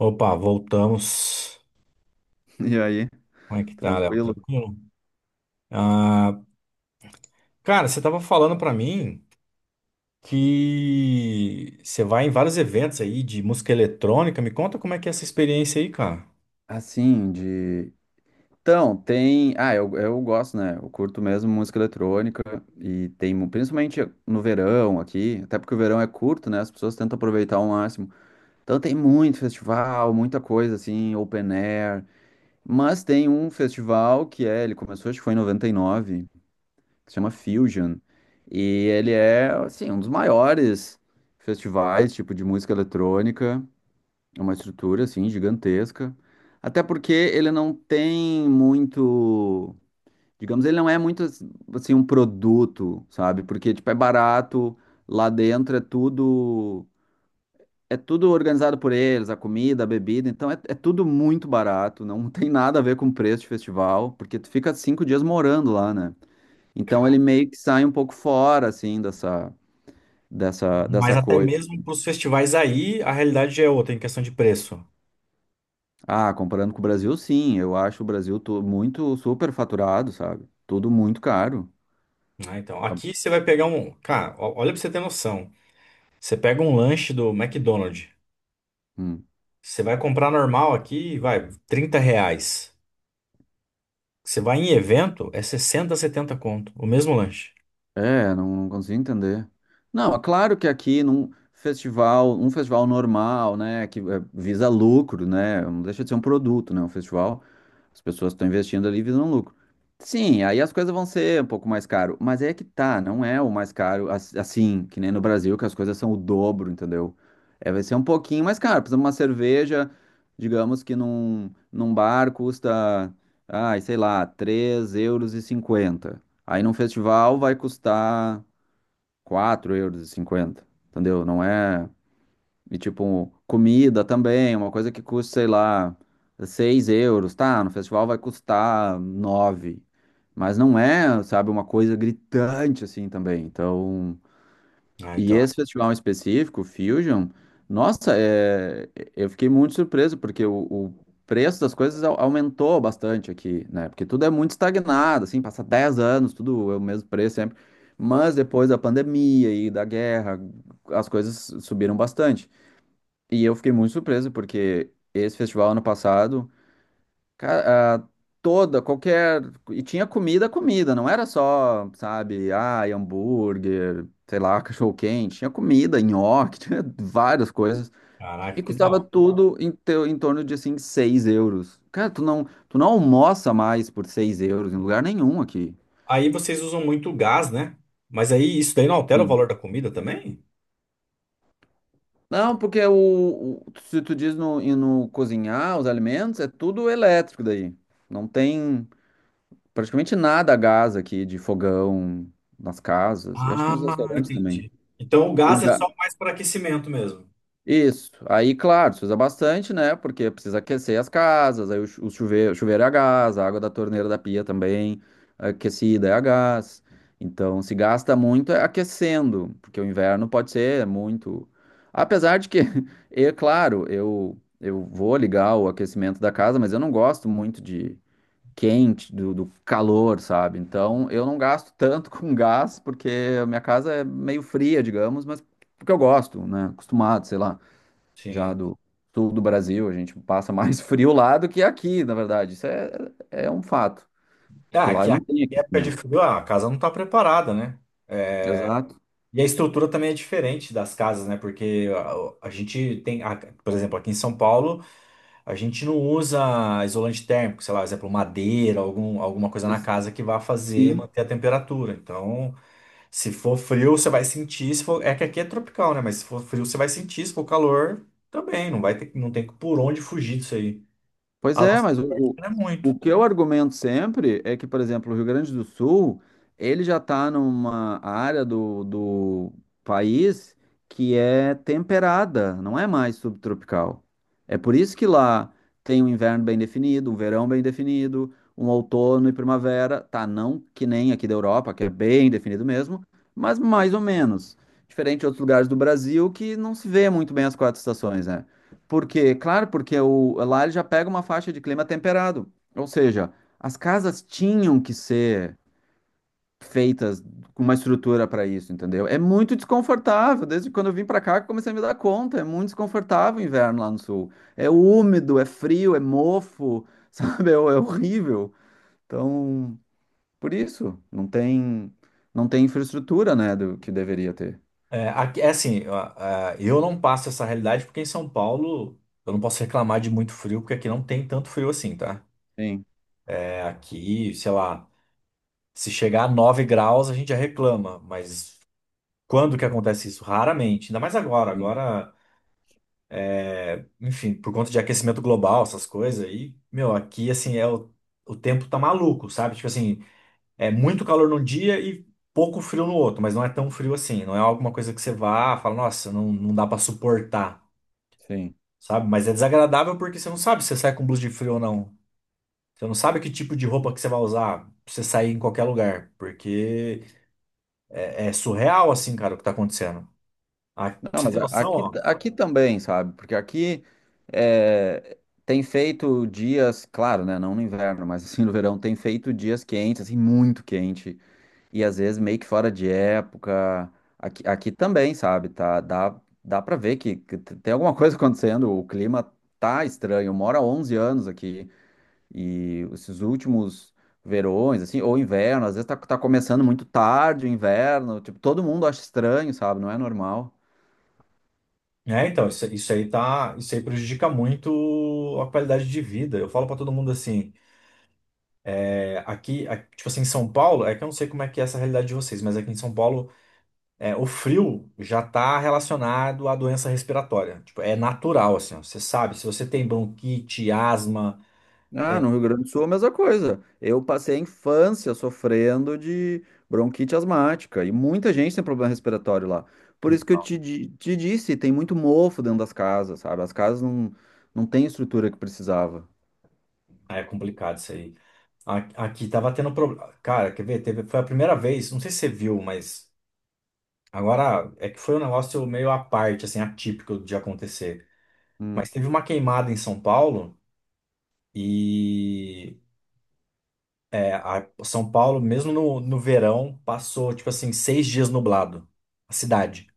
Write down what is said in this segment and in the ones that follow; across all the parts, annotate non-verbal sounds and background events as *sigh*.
Opa, voltamos. E aí, Como é que tá, Léo? tranquilo? Tranquilo? Ah, cara, você tava falando pra mim que você vai em vários eventos aí de música eletrônica. Me conta como é que é essa experiência aí, cara. Assim, de. Então, tem. Ah, eu gosto, né? Eu curto mesmo música eletrônica e tem, principalmente no verão aqui, até porque o verão é curto, né? As pessoas tentam aproveitar ao máximo. Então, tem muito festival, muita coisa assim, open air. Mas tem um festival que é, ele começou, acho que foi em 99, que se chama Fusion. E ele é, assim, um dos maiores festivais, tipo, de música eletrônica. É uma estrutura, assim, gigantesca. Até porque ele não tem muito. Digamos, ele não é muito, assim, um produto, sabe? Porque, tipo, é barato, lá dentro é tudo. É tudo organizado por eles, a comida, a bebida. Então, é tudo muito barato. Não *laughs* tem nada a ver com preço de festival, porque tu fica 5 dias morando lá, né? Então, Cara, ele meio que sai um pouco fora, assim, dessa, dessa, mas dessa até coisa. mesmo pros festivais aí, a realidade já é outra em questão de preço, Ah, comparando com o Brasil, sim. Eu acho o Brasil muito superfaturado, sabe? Tudo muito caro. né? Então, aqui você vai pegar um, cara, olha pra você ter noção. Você pega um lanche do McDonald's, Hum. você vai comprar normal aqui, vai, 30 reais. Você vai em evento, é 60, 70 conto, o mesmo lanche. É, não, não consigo entender. Não, é claro que aqui num festival, um festival normal, né, que visa lucro, né, não deixa de ser um produto, né, um festival. As pessoas estão investindo ali visando lucro. Sim, aí as coisas vão ser um pouco mais caro, mas é que tá, não é o mais caro assim, que nem no Brasil, que as coisas são o dobro, entendeu? É, vai ser um pouquinho mais caro. Por exemplo, uma cerveja, digamos que num bar custa, ai, sei lá, €3,50 Aí num festival vai custar €4,50 entendeu? Não é. E tipo, comida também, uma coisa que custa, sei lá, €6, tá? No festival vai custar nove. Mas não é, sabe, uma coisa gritante assim também. Então, Ah, e então, esse festival em específico, o Fusion, nossa, eu fiquei muito surpreso, porque o preço das coisas aumentou bastante aqui, né? Porque tudo é muito estagnado, assim, passa 10 anos, tudo é o mesmo preço sempre. Mas depois da pandemia e da guerra, as coisas subiram bastante. E eu fiquei muito surpreso, porque esse festival ano passado, cara, toda, qualquer. E tinha comida, comida, não era só, sabe, hambúrguer, sei lá, *laughs* cachorro-quente. Tinha comida, nhoque, *laughs* tinha várias coisas. caraca, E que da custava hora. tudo em torno de, assim, €6. Cara, tu não almoça mais por €6 em lugar nenhum aqui. Aí vocês usam muito gás, né? Mas aí isso daí não altera o Sim. valor da comida também? Não, porque se tu diz no, e no cozinhar os alimentos, é tudo elétrico daí. Não tem. Praticamente nada a gás aqui de fogão nas casas, e acho que nos Ah, restaurantes também. entendi. Então o O gás é ga... só mais para aquecimento mesmo. Isso. Aí, claro, se usa bastante, né? Porque precisa aquecer as casas, aí o chuveiro é a gás, a água da torneira da pia também aquecida é a gás. Então, se gasta muito é aquecendo, porque o inverno pode ser muito. Apesar de que, *laughs* é claro, eu vou ligar o aquecimento da casa, mas eu não gosto muito de quente, do calor, sabe? Então eu não gasto tanto *laughs* com gás, porque a minha casa é meio fria, digamos, mas porque eu gosto, né? Acostumado, sei lá, já Sim. do sul do Brasil, a gente passa mais *laughs* frio lá do que aqui, na verdade. Isso é um fato, Ah, que lá aqui, não aqui tem em época de aquecimento. frio, ah, a casa não está preparada, né? Exato. E a estrutura também é diferente das casas, né? Porque a gente tem, por exemplo, aqui em São Paulo, a gente não usa isolante térmico, sei lá, por exemplo, madeira, algum, alguma coisa na Ex- casa que vá fazer Sim. manter a temperatura. Então, se for frio, você vai sentir. Se for... É que aqui é tropical, né? Mas se for frio, você vai sentir. Se for calor, também. Não vai ter, não tem por onde fugir disso aí. Pois A é, nossa mas sorte o não é muito. o que eu argumento sempre é que, por exemplo, o Rio Grande do Sul, ele já está numa área do país que é temperada, não é mais subtropical. É por isso que lá tem um inverno bem definido, um verão bem definido, um outono e primavera, tá? Não que nem aqui da Europa, que é bem definido mesmo, mas mais ou menos. Diferente de outros lugares do Brasil que não se vê muito bem as quatro estações, né? Por quê? Claro, porque lá ele já pega uma faixa de clima temperado. Ou seja, as casas tinham que ser feitas com uma estrutura para isso, entendeu? É muito desconfortável. Desde quando eu vim para cá, que eu comecei a me dar conta. É muito desconfortável o inverno lá no sul. É úmido, é frio, é mofo, *laughs* sabe? É horrível. Então, por isso, não tem infraestrutura, né, do que deveria ter. É, aqui, é assim, eu não passo essa realidade porque em São Paulo eu não posso reclamar de muito frio, porque aqui não tem tanto frio assim, tá? Sim, É, aqui, sei lá, se chegar a 9 graus a gente já reclama, mas quando que acontece isso? Raramente. Ainda mais agora. sim, Agora, enfim, por conta de aquecimento global, essas coisas, e, meu, aqui, assim, o tempo tá maluco, sabe? Tipo assim, é muito calor num dia e pouco frio no outro, mas não é tão frio assim, não é alguma coisa que você vá, fala, nossa, não, não dá pra suportar, sim. sabe? Mas é desagradável porque você não sabe se você sai com blusa de frio ou não. Você não sabe que tipo de roupa que você vai usar pra você sair em qualquer lugar, porque é, é surreal, assim, cara, o que tá acontecendo. Ah, pra Não, você mas ter a- noção, aqui, ó. aqui também, sabe? Porque aqui é, tem feito dias, claro, né? Não no inverno, mas assim *laughs* no verão, tem feito dias quentes, assim, muito quente. E às vezes meio que fora de época. Aqui também, sabe? Tá, dá pra ver tem alguma coisa *laughs* acontecendo. O clima tá estranho. Eu moro há 11 anos aqui. E esses últimos verões, assim, ou inverno, às vezes tá começando muito tarde o inverno. Tipo, todo mundo acha estranho, sabe? Não é normal. É, então, isso aí tá, isso aí prejudica muito a qualidade de vida. Eu falo pra todo mundo assim, é, aqui, tipo assim, em São Paulo, é que eu não sei como é que é essa realidade de vocês, mas aqui em São Paulo, é, o frio já tá relacionado à doença respiratória. Tipo, é natural, assim, ó, você sabe, se você tem bronquite, asma, Ah, no Rio Grande do Sul é a mesma coisa. Eu passei a infância sofrendo de bronquite asmática e muita gente tem problema respiratório lá. Por isso que eu então, te disse, tem muito mofo dentro das casas, sabe? As casas não têm estrutura que precisava. é complicado isso aí. A- Aqui tava tendo problema. Cara, quer ver? Teve, foi a primeira vez, não sei se você viu, mas agora é que foi um negócio meio à parte, assim, atípico de acontecer. Hum. Mas teve uma queimada em São Paulo e é, São Paulo, mesmo no verão, passou tipo assim 6 dias nublado, a cidade.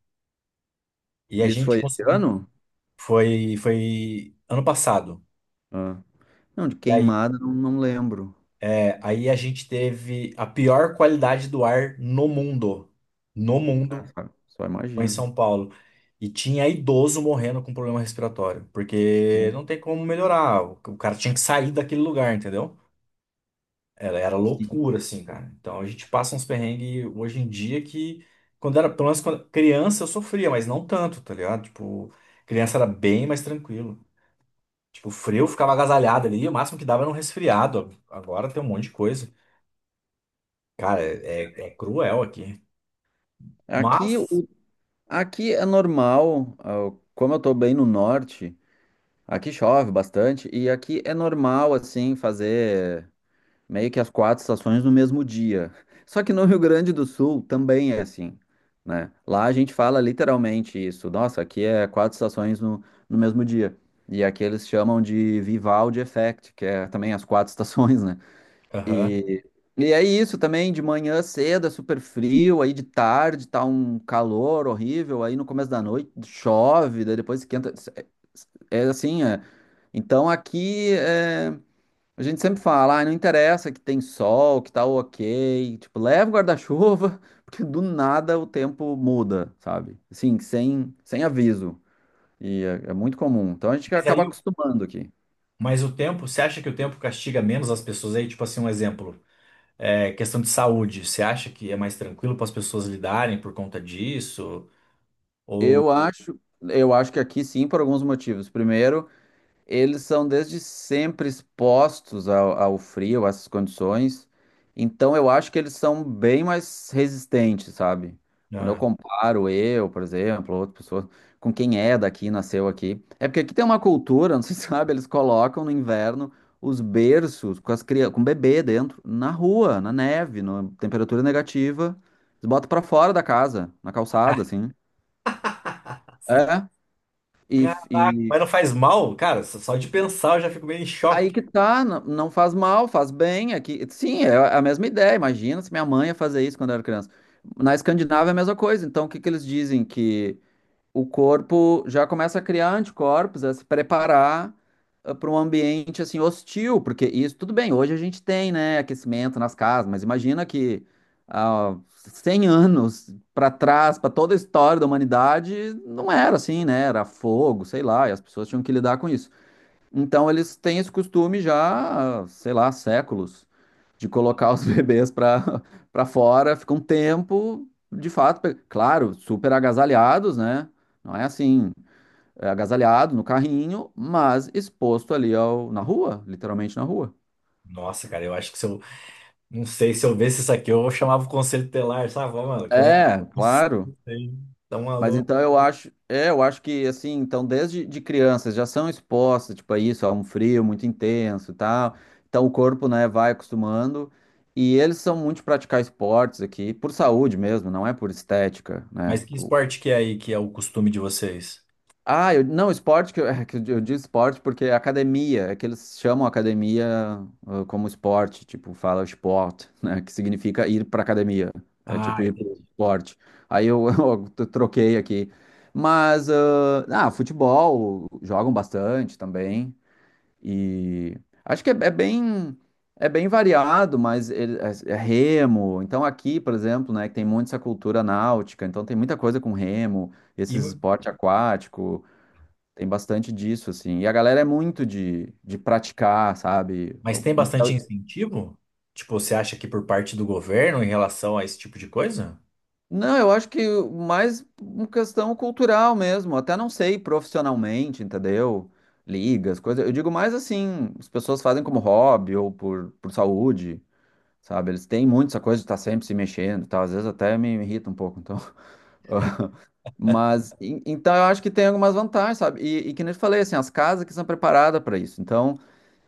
E a Isso gente foi esse conseguiu. ano? Foi, foi ano passado. Ah. Não, de E aí, queimada não, não lembro. é, aí a gente teve a pior qualidade do ar no mundo. No É, mundo, sabe? Só foi em imagino. São Paulo. E tinha idoso morrendo com problema respiratório, porque Sim, não tem como melhorar. O cara tinha que sair daquele lugar, entendeu? Ela era sim. loucura, assim, cara. Então a gente passa uns perrengues hoje em dia que, quando era, pelo menos quando criança, eu sofria, mas não tanto, tá ligado? Tipo, criança era bem mais tranquilo. Tipo, frio eu ficava agasalhado ali, o máximo que dava era um resfriado. Agora tem um monte de coisa. Cara, é, é cruel aqui. Aqui, Mas, o, aqui é normal, como eu tô bem no norte. Aqui chove bastante e aqui é normal, assim, fazer meio que as quatro estações no mesmo dia. *laughs* Só que no Rio Grande do Sul também é assim, né? Lá a gente fala literalmente isso. Nossa, aqui é quatro estações no mesmo dia. E aqui eles chamam de Vivaldi Effect, que é também as quatro *laughs* estações, né? aham. E, e é isso também, de manhã cedo é super frio, aí de tarde tá um calor horrível, aí no começo da noite chove, daí depois esquenta. É assim, é. Então aqui a gente sempre fala, não interessa que tem sol, que tá ok, tipo, leva o guarda-chuva, *laughs* porque do nada o tempo muda, sabe? Assim, sem aviso. E é muito comum. Então a gente Mas acaba aí, acostumando aqui. mas o tempo, você acha que o tempo castiga menos as pessoas aí? Tipo assim, um exemplo. É, questão de saúde, você acha que é mais tranquilo para as pessoas lidarem por conta disso? Eu acho, eu acho que aqui sim, por alguns motivos. Primeiro, eles são desde sempre expostos ao frio, a essas condições. Então eu acho que eles são bem mais resistentes, sabe? Quando eu Ah. comparo eu, por exemplo, outra pessoa com quem é daqui, nasceu aqui. É porque aqui tem uma cultura, não sei *laughs* se sabe, eles colocam no inverno os berços com as crianças, com o bebê dentro, na rua, na neve, na temperatura negativa. Eles botam pra fora da casa, na calçada, assim. É. Caraca, E, mas não faz mal? Cara, só de pensar eu já fico meio em aí choque. que tá, não, não faz mal, faz bem. Aqui, sim, é a mesma ideia. Imagina se minha mãe ia fazer isso quando eu era criança. Na Escandinávia é a mesma coisa. Então, o que que eles dizem? Que o corpo já começa a criar anticorpos, a se preparar para um ambiente assim hostil, porque isso tudo bem. Hoje a gente tem, né, aquecimento nas casas, mas imagina que há 100 anos para trás, para toda a história da humanidade, não era assim, né? Era fogo, sei lá, e as pessoas tinham que lidar com isso. Então eles têm esse costume já, sei lá, há séculos, de colocar os *laughs* bebês para fora, fica um tempo, de fato, claro, super agasalhados, né? Não é assim, é agasalhado no carrinho, mas exposto ali na rua, literalmente na rua. Nossa, cara, eu acho que se eu. Não sei, se eu visse isso aqui, eu chamava o conselho telar, sabe? Ó, mano, como é? É, Não claro. sei, tá Mas maluco. então eu acho que assim, então desde de crianças já são expostas, tipo, a isso, a um frio muito intenso e tal. Então o corpo, né, vai acostumando. E eles são muito de praticar esportes aqui, por saúde mesmo, não é por estética, né? Mas que esporte que é aí que é o costume de vocês? Ah, eu, não, esporte, que eu, *laughs* é que eu digo esporte porque é academia, é que eles chamam academia como esporte, tipo, fala esporte, né, que significa ir para academia, é tipo Ah, ir para entendi. esporte. Aí eu, *laughs* eu troquei aqui. Mas, futebol, jogam bastante também, e acho que é bem variado, mas é remo, então aqui, por exemplo, né, que tem muito essa cultura náutica, então tem muita coisa com remo, E, esses esporte aquático. Tem bastante disso, assim. E a galera é muito de praticar, sabe? mas tem Então, bastante incentivo? Tipo, você acha que por parte do governo em relação a esse tipo de coisa? não, eu acho que mais uma questão cultural mesmo. Até não sei profissionalmente, entendeu? Ligas, coisas. Eu digo mais assim, as pessoas fazem como hobby ou por saúde, sabe? Eles têm muito essa coisa de estar sempre se mexendo e tal. Às vezes até me irrita um pouco, então. *laughs* Mas, então eu acho que tem algumas vantagens, sabe? E que nem eu te falei, assim, as casas que são preparadas para isso. Então.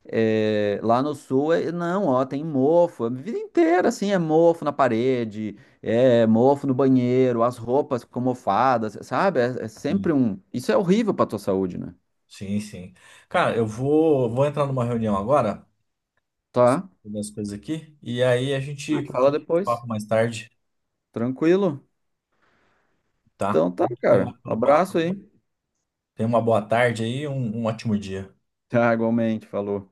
É, lá no sul, não, ó, tem mofo, é a vida inteira, assim, é mofo na parede, é mofo no banheiro, as roupas ficam mofadas, sabe? É sempre Sim, um. Isso é horrível pra tua saúde, né? sim, sim. Cara, eu vou, vou entrar numa reunião agora, Tá? fazer as coisas aqui, e aí a A gente gente fala continua o depois. papo mais tarde. Tranquilo? Tá? Então tá, Muito cara. obrigado Um pelo abraço papo. aí. *laughs* Tenha uma boa tarde aí e um ótimo dia. Tá, igualmente, falou.